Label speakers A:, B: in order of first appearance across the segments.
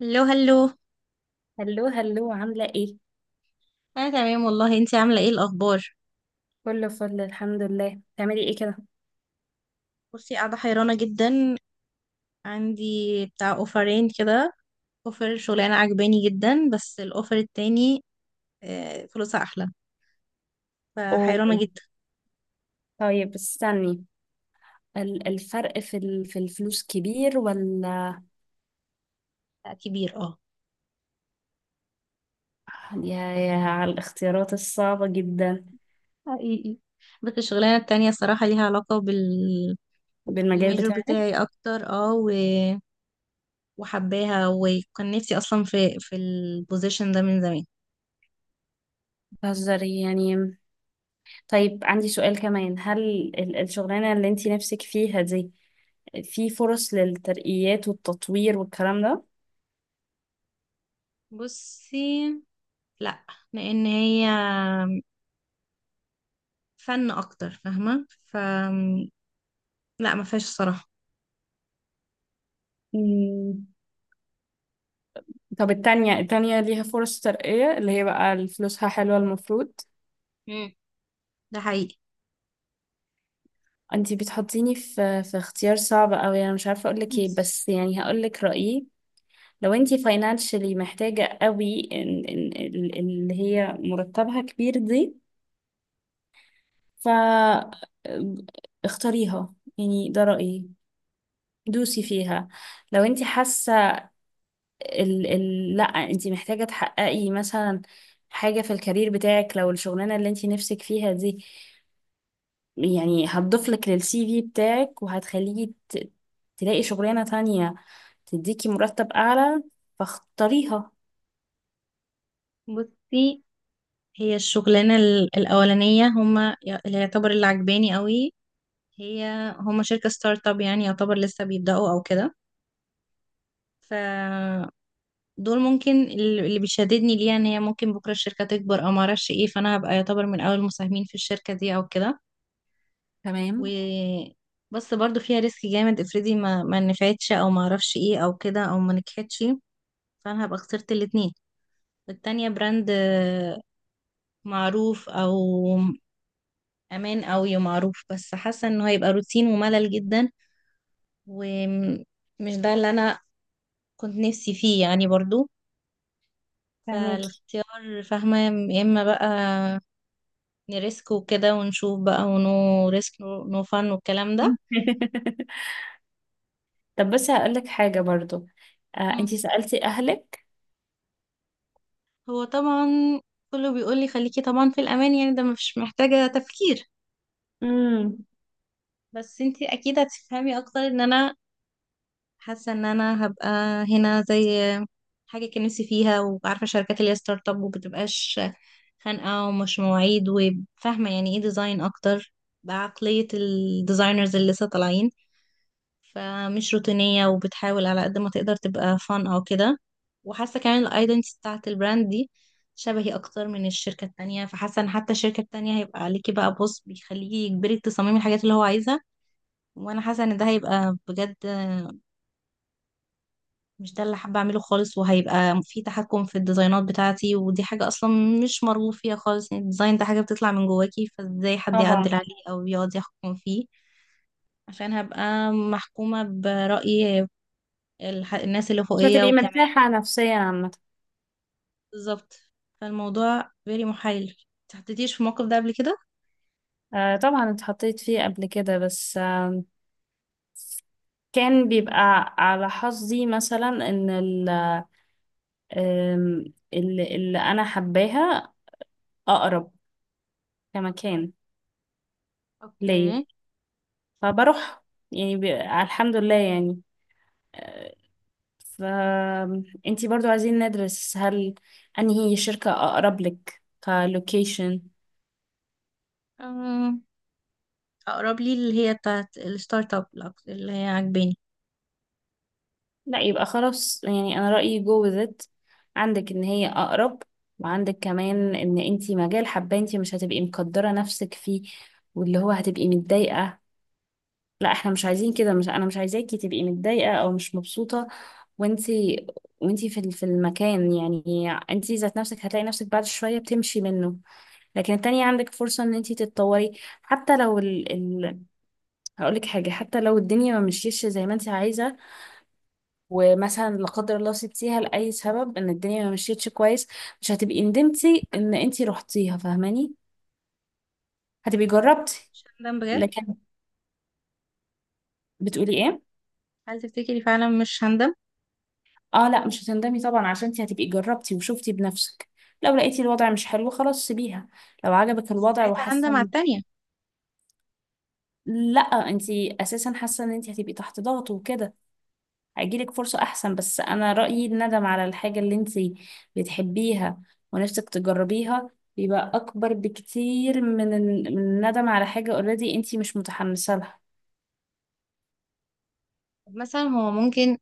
A: هلو هلو.
B: هلو هلو، عاملة ايه؟
A: انا تمام والله، انتي عامله ايه الاخبار؟
B: كله فل الحمد لله. بتعملي ايه كده؟
A: بصي، قاعده حيرانه جدا. عندي بتاع اوفرين كده. اوفر شغلانه عجباني جدا بس الاوفر التاني آه، فلوسها احلى. فحيرانه
B: اوه.
A: جدا.
B: طيب استني. الفرق في في الفلوس كبير ولا؟
A: لا، كبير اه.
B: يا على الاختيارات الصعبة جدا.
A: حقيقي. بس الشغلانه التانية الصراحه ليها علاقه بال
B: بالمجال
A: بالميجور
B: بتاعك.
A: بتاعي اكتر وحباها، وكان نفسي اصلا في البوزيشن ده من زمان.
B: بتهزري يعني. طيب عندي سؤال كمان. هل الشغلانة اللي انتي نفسك فيها دي، في فرص للترقيات والتطوير والكلام ده؟
A: بصي، لا، لان هي فن اكتر، فاهمه؟ ف لا ما فيهاش الصراحه.
B: مم. طب التانية ليها فرص ترقية اللي هي بقى فلوسها حلوة المفروض.
A: مم. ده حقيقي.
B: انتي بتحطيني في اختيار صعب قوي. انا مش عارفه اقول لك ايه،
A: بص-
B: بس يعني هقول لك رايي. لو انتي فاينانشلي محتاجه قوي إن اللي هي مرتبها كبير دي، ف اختاريها، يعني ده رايي. دوسي فيها. لو انتي حاسه لا، انتي محتاجه تحققي مثلا حاجه في الكارير بتاعك، لو الشغلانه اللي انتي نفسك فيها دي يعني هتضيف لك للسي في بتاعك وهتخليكي تلاقي شغلانه تانية تديكي مرتب أعلى، فاختاريها.
A: بصي، هي الشغلانه الاولانيه، هما اللي يعتبر اللي عجباني قوي، هي، هما شركه ستارت اب، يعني يعتبر لسه بيبداوا او كده. ف دول ممكن، اللي بيشددني ليها ان هي ممكن بكره الشركه تكبر او ما اعرفش ايه، فانا هبقى يعتبر من اول المساهمين في الشركه دي او كده.
B: تمام.
A: و بس برضو فيها ريسك جامد، افرضي ما نفعتش او ما اعرفش ايه او كده او ما نجحتش، فانا هبقى خسرت الاتنين. والتانية براند معروف، او امان اوي معروف، بس حاسة انه هيبقى روتين وملل جدا، ومش ده اللي انا كنت نفسي فيه يعني برضو.
B: فهماكي.
A: فالاختيار، فاهمة؟ يا اما بقى نريسك وكده ونشوف بقى، ونو ريسك نو فن والكلام ده.
B: طب بس هقولك حاجة برضو.
A: مم.
B: انتي سألتي أهلك؟
A: هو طبعا كله بيقول لي خليكي طبعا في الامان، يعني ده مش محتاجة تفكير.
B: امم
A: بس انتي اكيد هتفهمي اكتر ان انا حاسه ان انا هبقى هنا زي حاجه كان نفسي فيها، وعارفه الشركات اللي هي ستارت اب ومبتبقاش خانقه ومش مواعيد، وفاهمه يعني ايه ديزاين اكتر بعقليه الديزاينرز اللي لسه طالعين، فمش روتينيه وبتحاول على قد ما تقدر تبقى فان او كده. وحاسه كمان الايدنتي بتاعت البراند دي شبهي اكتر من الشركه التانية. فحاسه ان حتى الشركه التانية هيبقى عليكي بقى بوس بيخليكي يجبري تصممي الحاجات اللي هو عايزها. وانا حاسه ان ده هيبقى بجد مش ده اللي حابة أعمله خالص، وهيبقى في تحكم في الديزاينات بتاعتي، ودي حاجة أصلا مش مرغوب فيها خالص. يعني الديزاين ده حاجة بتطلع من جواكي، فازاي حد
B: طبعا.
A: يعدل عليه أو يقعد يحكم فيه؟ عشان هبقى محكومة برأي الناس اللي
B: مش
A: فوقية
B: هتبقي
A: وكمان.
B: مرتاحة نفسيا عامة.
A: بالظبط، فالموضوع very محايل. متحطيتيش في الموقف ده قبل كده؟
B: طبعا اتحطيت فيه قبل كده، بس كان بيبقى على حظي مثلا ان آم، اللي انا حباها اقرب كمكان ليا،
A: اوكي.
B: فبروح يعني. الحمد لله يعني. آه، فانتي برضو عايزين ندرس. هل انهي شركة اقرب لك كلوكيشن؟
A: أم، أقرب لي اللي هي بتاعت الستارت اب، اللي هي عجباني.
B: لا، يبقى خلاص. يعني انا رأيي جو with it. عندك ان هي اقرب، وعندك كمان ان انتي مجال حابة. انتي مش هتبقي مقدرة نفسك فيه، واللي هو هتبقي متضايقة. لا، احنا مش عايزين كده. مش، انا مش عايزاكي تبقي متضايقة او مش مبسوطة. وانتي وانتي في في المكان يعني، انتي ذات نفسك هتلاقي نفسك بعد شوية بتمشي منه. لكن التانية عندك فرصة ان انتي تتطوري. حتى لو هقولك حاجة، حتى لو الدنيا ما مشيتش زي ما انتي عايزة ومثلا لا قدر الله سبتيها لأي سبب، ان الدنيا ما مشيتش كويس، مش هتبقي ندمتي ان انتي رحتيها، فاهماني؟ هتبقي جربتي.
A: مش هندم بجد.
B: لكن بتقولي ايه؟
A: هل تفتكري فعلا مش هندم؟
B: اه لا، مش هتندمي طبعا، عشان انتي هتبقي جربتي وشفتي بنفسك. لو لقيتي الوضع مش حلو، خلاص سيبيها. لو عجبك
A: بس
B: الوضع
A: ساعتها
B: وحاسه
A: هندم على التانية.
B: لا، انتي اساسا حاسه ان انتي هتبقي تحت ضغط وكده هيجيلك فرصة أحسن. بس أنا رأيي الندم على الحاجة اللي انتي بتحبيها ونفسك تجربيها بيبقى أكبر بكتير من من الندم على حاجة اوريدي انتي مش متحمسة لها.
A: مثلا هو ممكن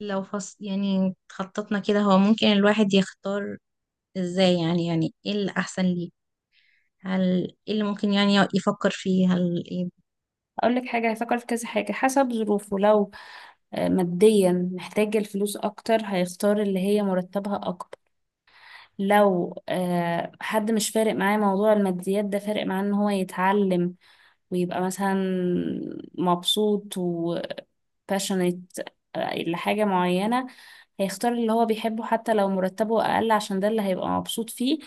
A: لو فص يعني خططنا كده هو ممكن الواحد يختار ازاي، يعني ايه الأحسن ليه؟ هل ايه اللي ممكن يعني يفكر فيه؟ هل ايه؟
B: أقول لك حاجة، هيفكر في كذا حاجة حسب ظروفه. لو ماديا محتاج الفلوس أكتر، هيختار اللي هي مرتبها أكبر. لو حد مش فارق معاه موضوع الماديات ده، فارق معاه ان هو يتعلم ويبقى مثلا مبسوط passionate لحاجة معينة، هيختار اللي هو بيحبه حتى لو مرتبه أقل، عشان ده اللي هيبقى مبسوط فيه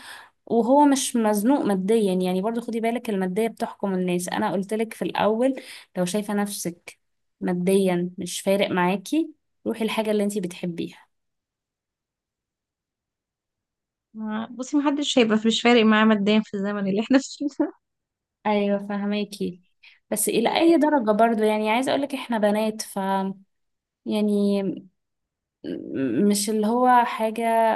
B: وهو مش مزنوق ماديا. يعني برضو خدي بالك، المادية بتحكم الناس. أنا قلتلك في الأول، لو شايفة نفسك ماديا مش فارق معاكي، روحي الحاجة اللي انتي بتحبيها.
A: بصي، محدش هيبقى مش فارق معاه ماديا في الزمن اللي احنا فيه ده.
B: أيوة فهماكي. بس
A: و-
B: إلى أي درجة؟ برضو يعني عايزة أقولك إحنا بنات ف يعني، مش اللي هو حاجة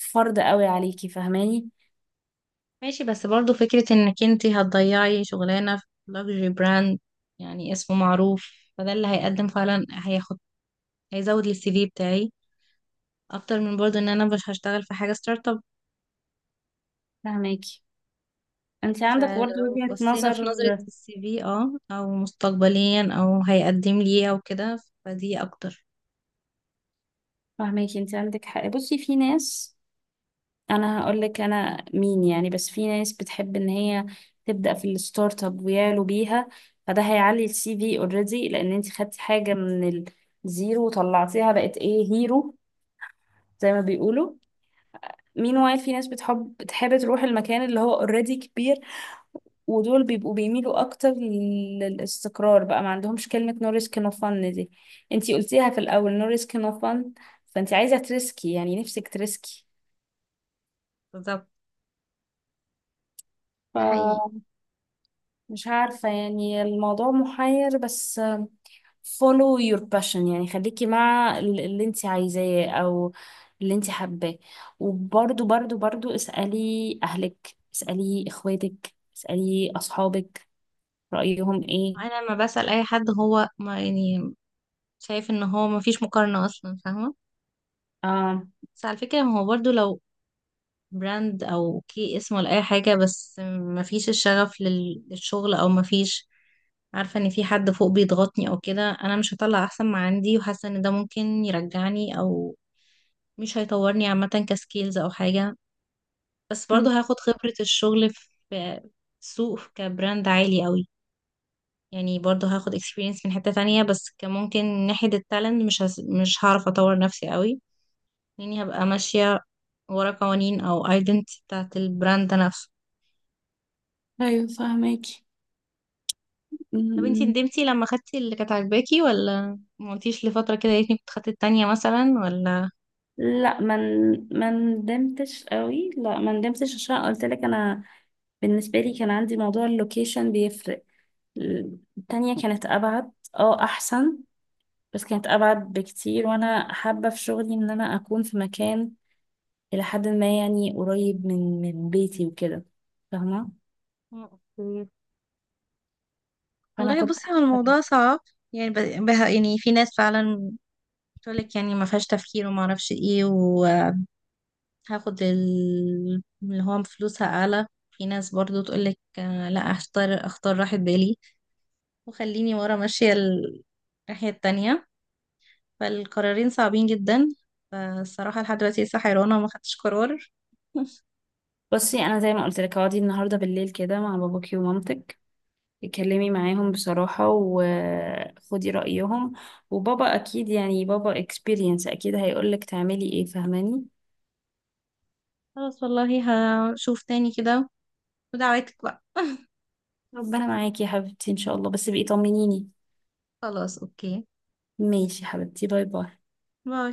B: فرض قوي عليكي، فهماني؟
A: ماشي بس برضو فكرة انك انتي هتضيعي شغلانة في لوكسجري براند، يعني اسمه معروف، فده اللي هيقدم فعلا، هياخد، هيزود السي في بتاعي اكتر من برضو ان انا مش هشتغل في حاجة ستارت اب.
B: فهماكي، انت عندك برضه
A: فلو
B: وجهة
A: بصينا في
B: نظر.
A: نظرة السي في اه او مستقبليا او هيقدم لي ايه او كده، فدي اكتر.
B: فاهماكي، انت عندك حق. بصي، في ناس، انا هقول لك انا مين يعني، بس في ناس بتحب ان هي تبدأ في الستارت اب ويعلو بيها، فده هيعلي السي في اوريدي لان انت خدتي حاجة من الزيرو وطلعتيها بقت ايه هيرو، زي ما بيقولوا. مين وايل، في ناس بتحب تروح المكان اللي هو اوريدي كبير، ودول بيبقوا بيميلوا اكتر للاستقرار، بقى ما عندهمش كلمة no risk no fun دي. انتي قلتيها في الاول، no risk no fun. فانتي عايزة تريسكي، يعني نفسك تريسكي.
A: بالظبط. ده حقيقي.
B: فمش عارفة يعني، الموضوع محير. بس follow your passion، يعني خليكي مع اللي انتي عايزاه او اللي انتي حباه. وبرضو برضو برضو اسألي اهلك، اسألي اخواتك، اسألي اصحابك، رأيهم ايه.
A: انا لما بسأل اي حد هو ما يعني شايف ان هو ما فيش مقارنة اصلا، فاهمة؟
B: آه.
A: بس على فكرة، هو برضو لو براند او كي اسم ولا اي حاجة، بس ما فيش الشغف للشغل، او ما فيش، عارفة، ان في حد فوق بيضغطني او كده، انا مش هطلع احسن ما عندي، وحاسة ان ده ممكن يرجعني او مش هيطورني عامة كسكيلز او حاجة. بس برضه
B: مم.
A: هاخد خبرة الشغل في سوق كبراند عالي قوي، يعني برضه هاخد experience من حتة تانية، بس كممكن ناحية التالنت مش هعرف اطور نفسي قوي، لاني هبقى ماشية ورا قوانين او identity بتاعت البراند ده نفسه.
B: ايوه فهماكي.
A: طب انتي
B: مم،
A: ندمتي لما خدتي اللي كانت عاجباكي ولا ما قلتيش لفترة كده يا ريتني كنت خدت التانية مثلا ولا؟
B: لا ما ندمتش قوي. لا، ما ندمتش عشان قلت لك انا بالنسبه لي كان عندي موضوع اللوكيشن بيفرق. التانية كانت ابعد، اه احسن، بس كانت ابعد بكتير وانا حابه في شغلي ان انا اكون في مكان الى حد ما يعني قريب من بيتي وكده، فاهمه؟
A: أوكي.
B: فانا
A: والله
B: كنت
A: بصي هو
B: حابه كده.
A: الموضوع صعب، يعني يعني في ناس فعلا بتقولك يعني ما فيهاش تفكير وما اعرفش ايه و... هاخد اللي هو فلوسها اعلى. في ناس برضو تقولك آه، لا اختار اختار راحة بالي، وخليني ورا ماشية الناحية التانية. فالقرارين صعبين جدا، فالصراحة لحد دلوقتي لسه حيرانة وما خدتش قرار.
B: بصي، انا زي ما قلت لك، اقعدي النهارده بالليل كده مع باباكي ومامتك، اتكلمي معاهم بصراحة وخدي رأيهم. وبابا أكيد، يعني بابا اكسبيرينس، أكيد هيقولك تعملي ايه، فاهماني؟
A: خلاص والله، هشوف تاني كده، ودعواتك بقى.
B: ربنا معاكي يا حبيبتي إن شاء الله، بس بقي طمنيني.
A: خلاص اوكي.
B: ماشي يا حبيبتي، باي باي.
A: باي.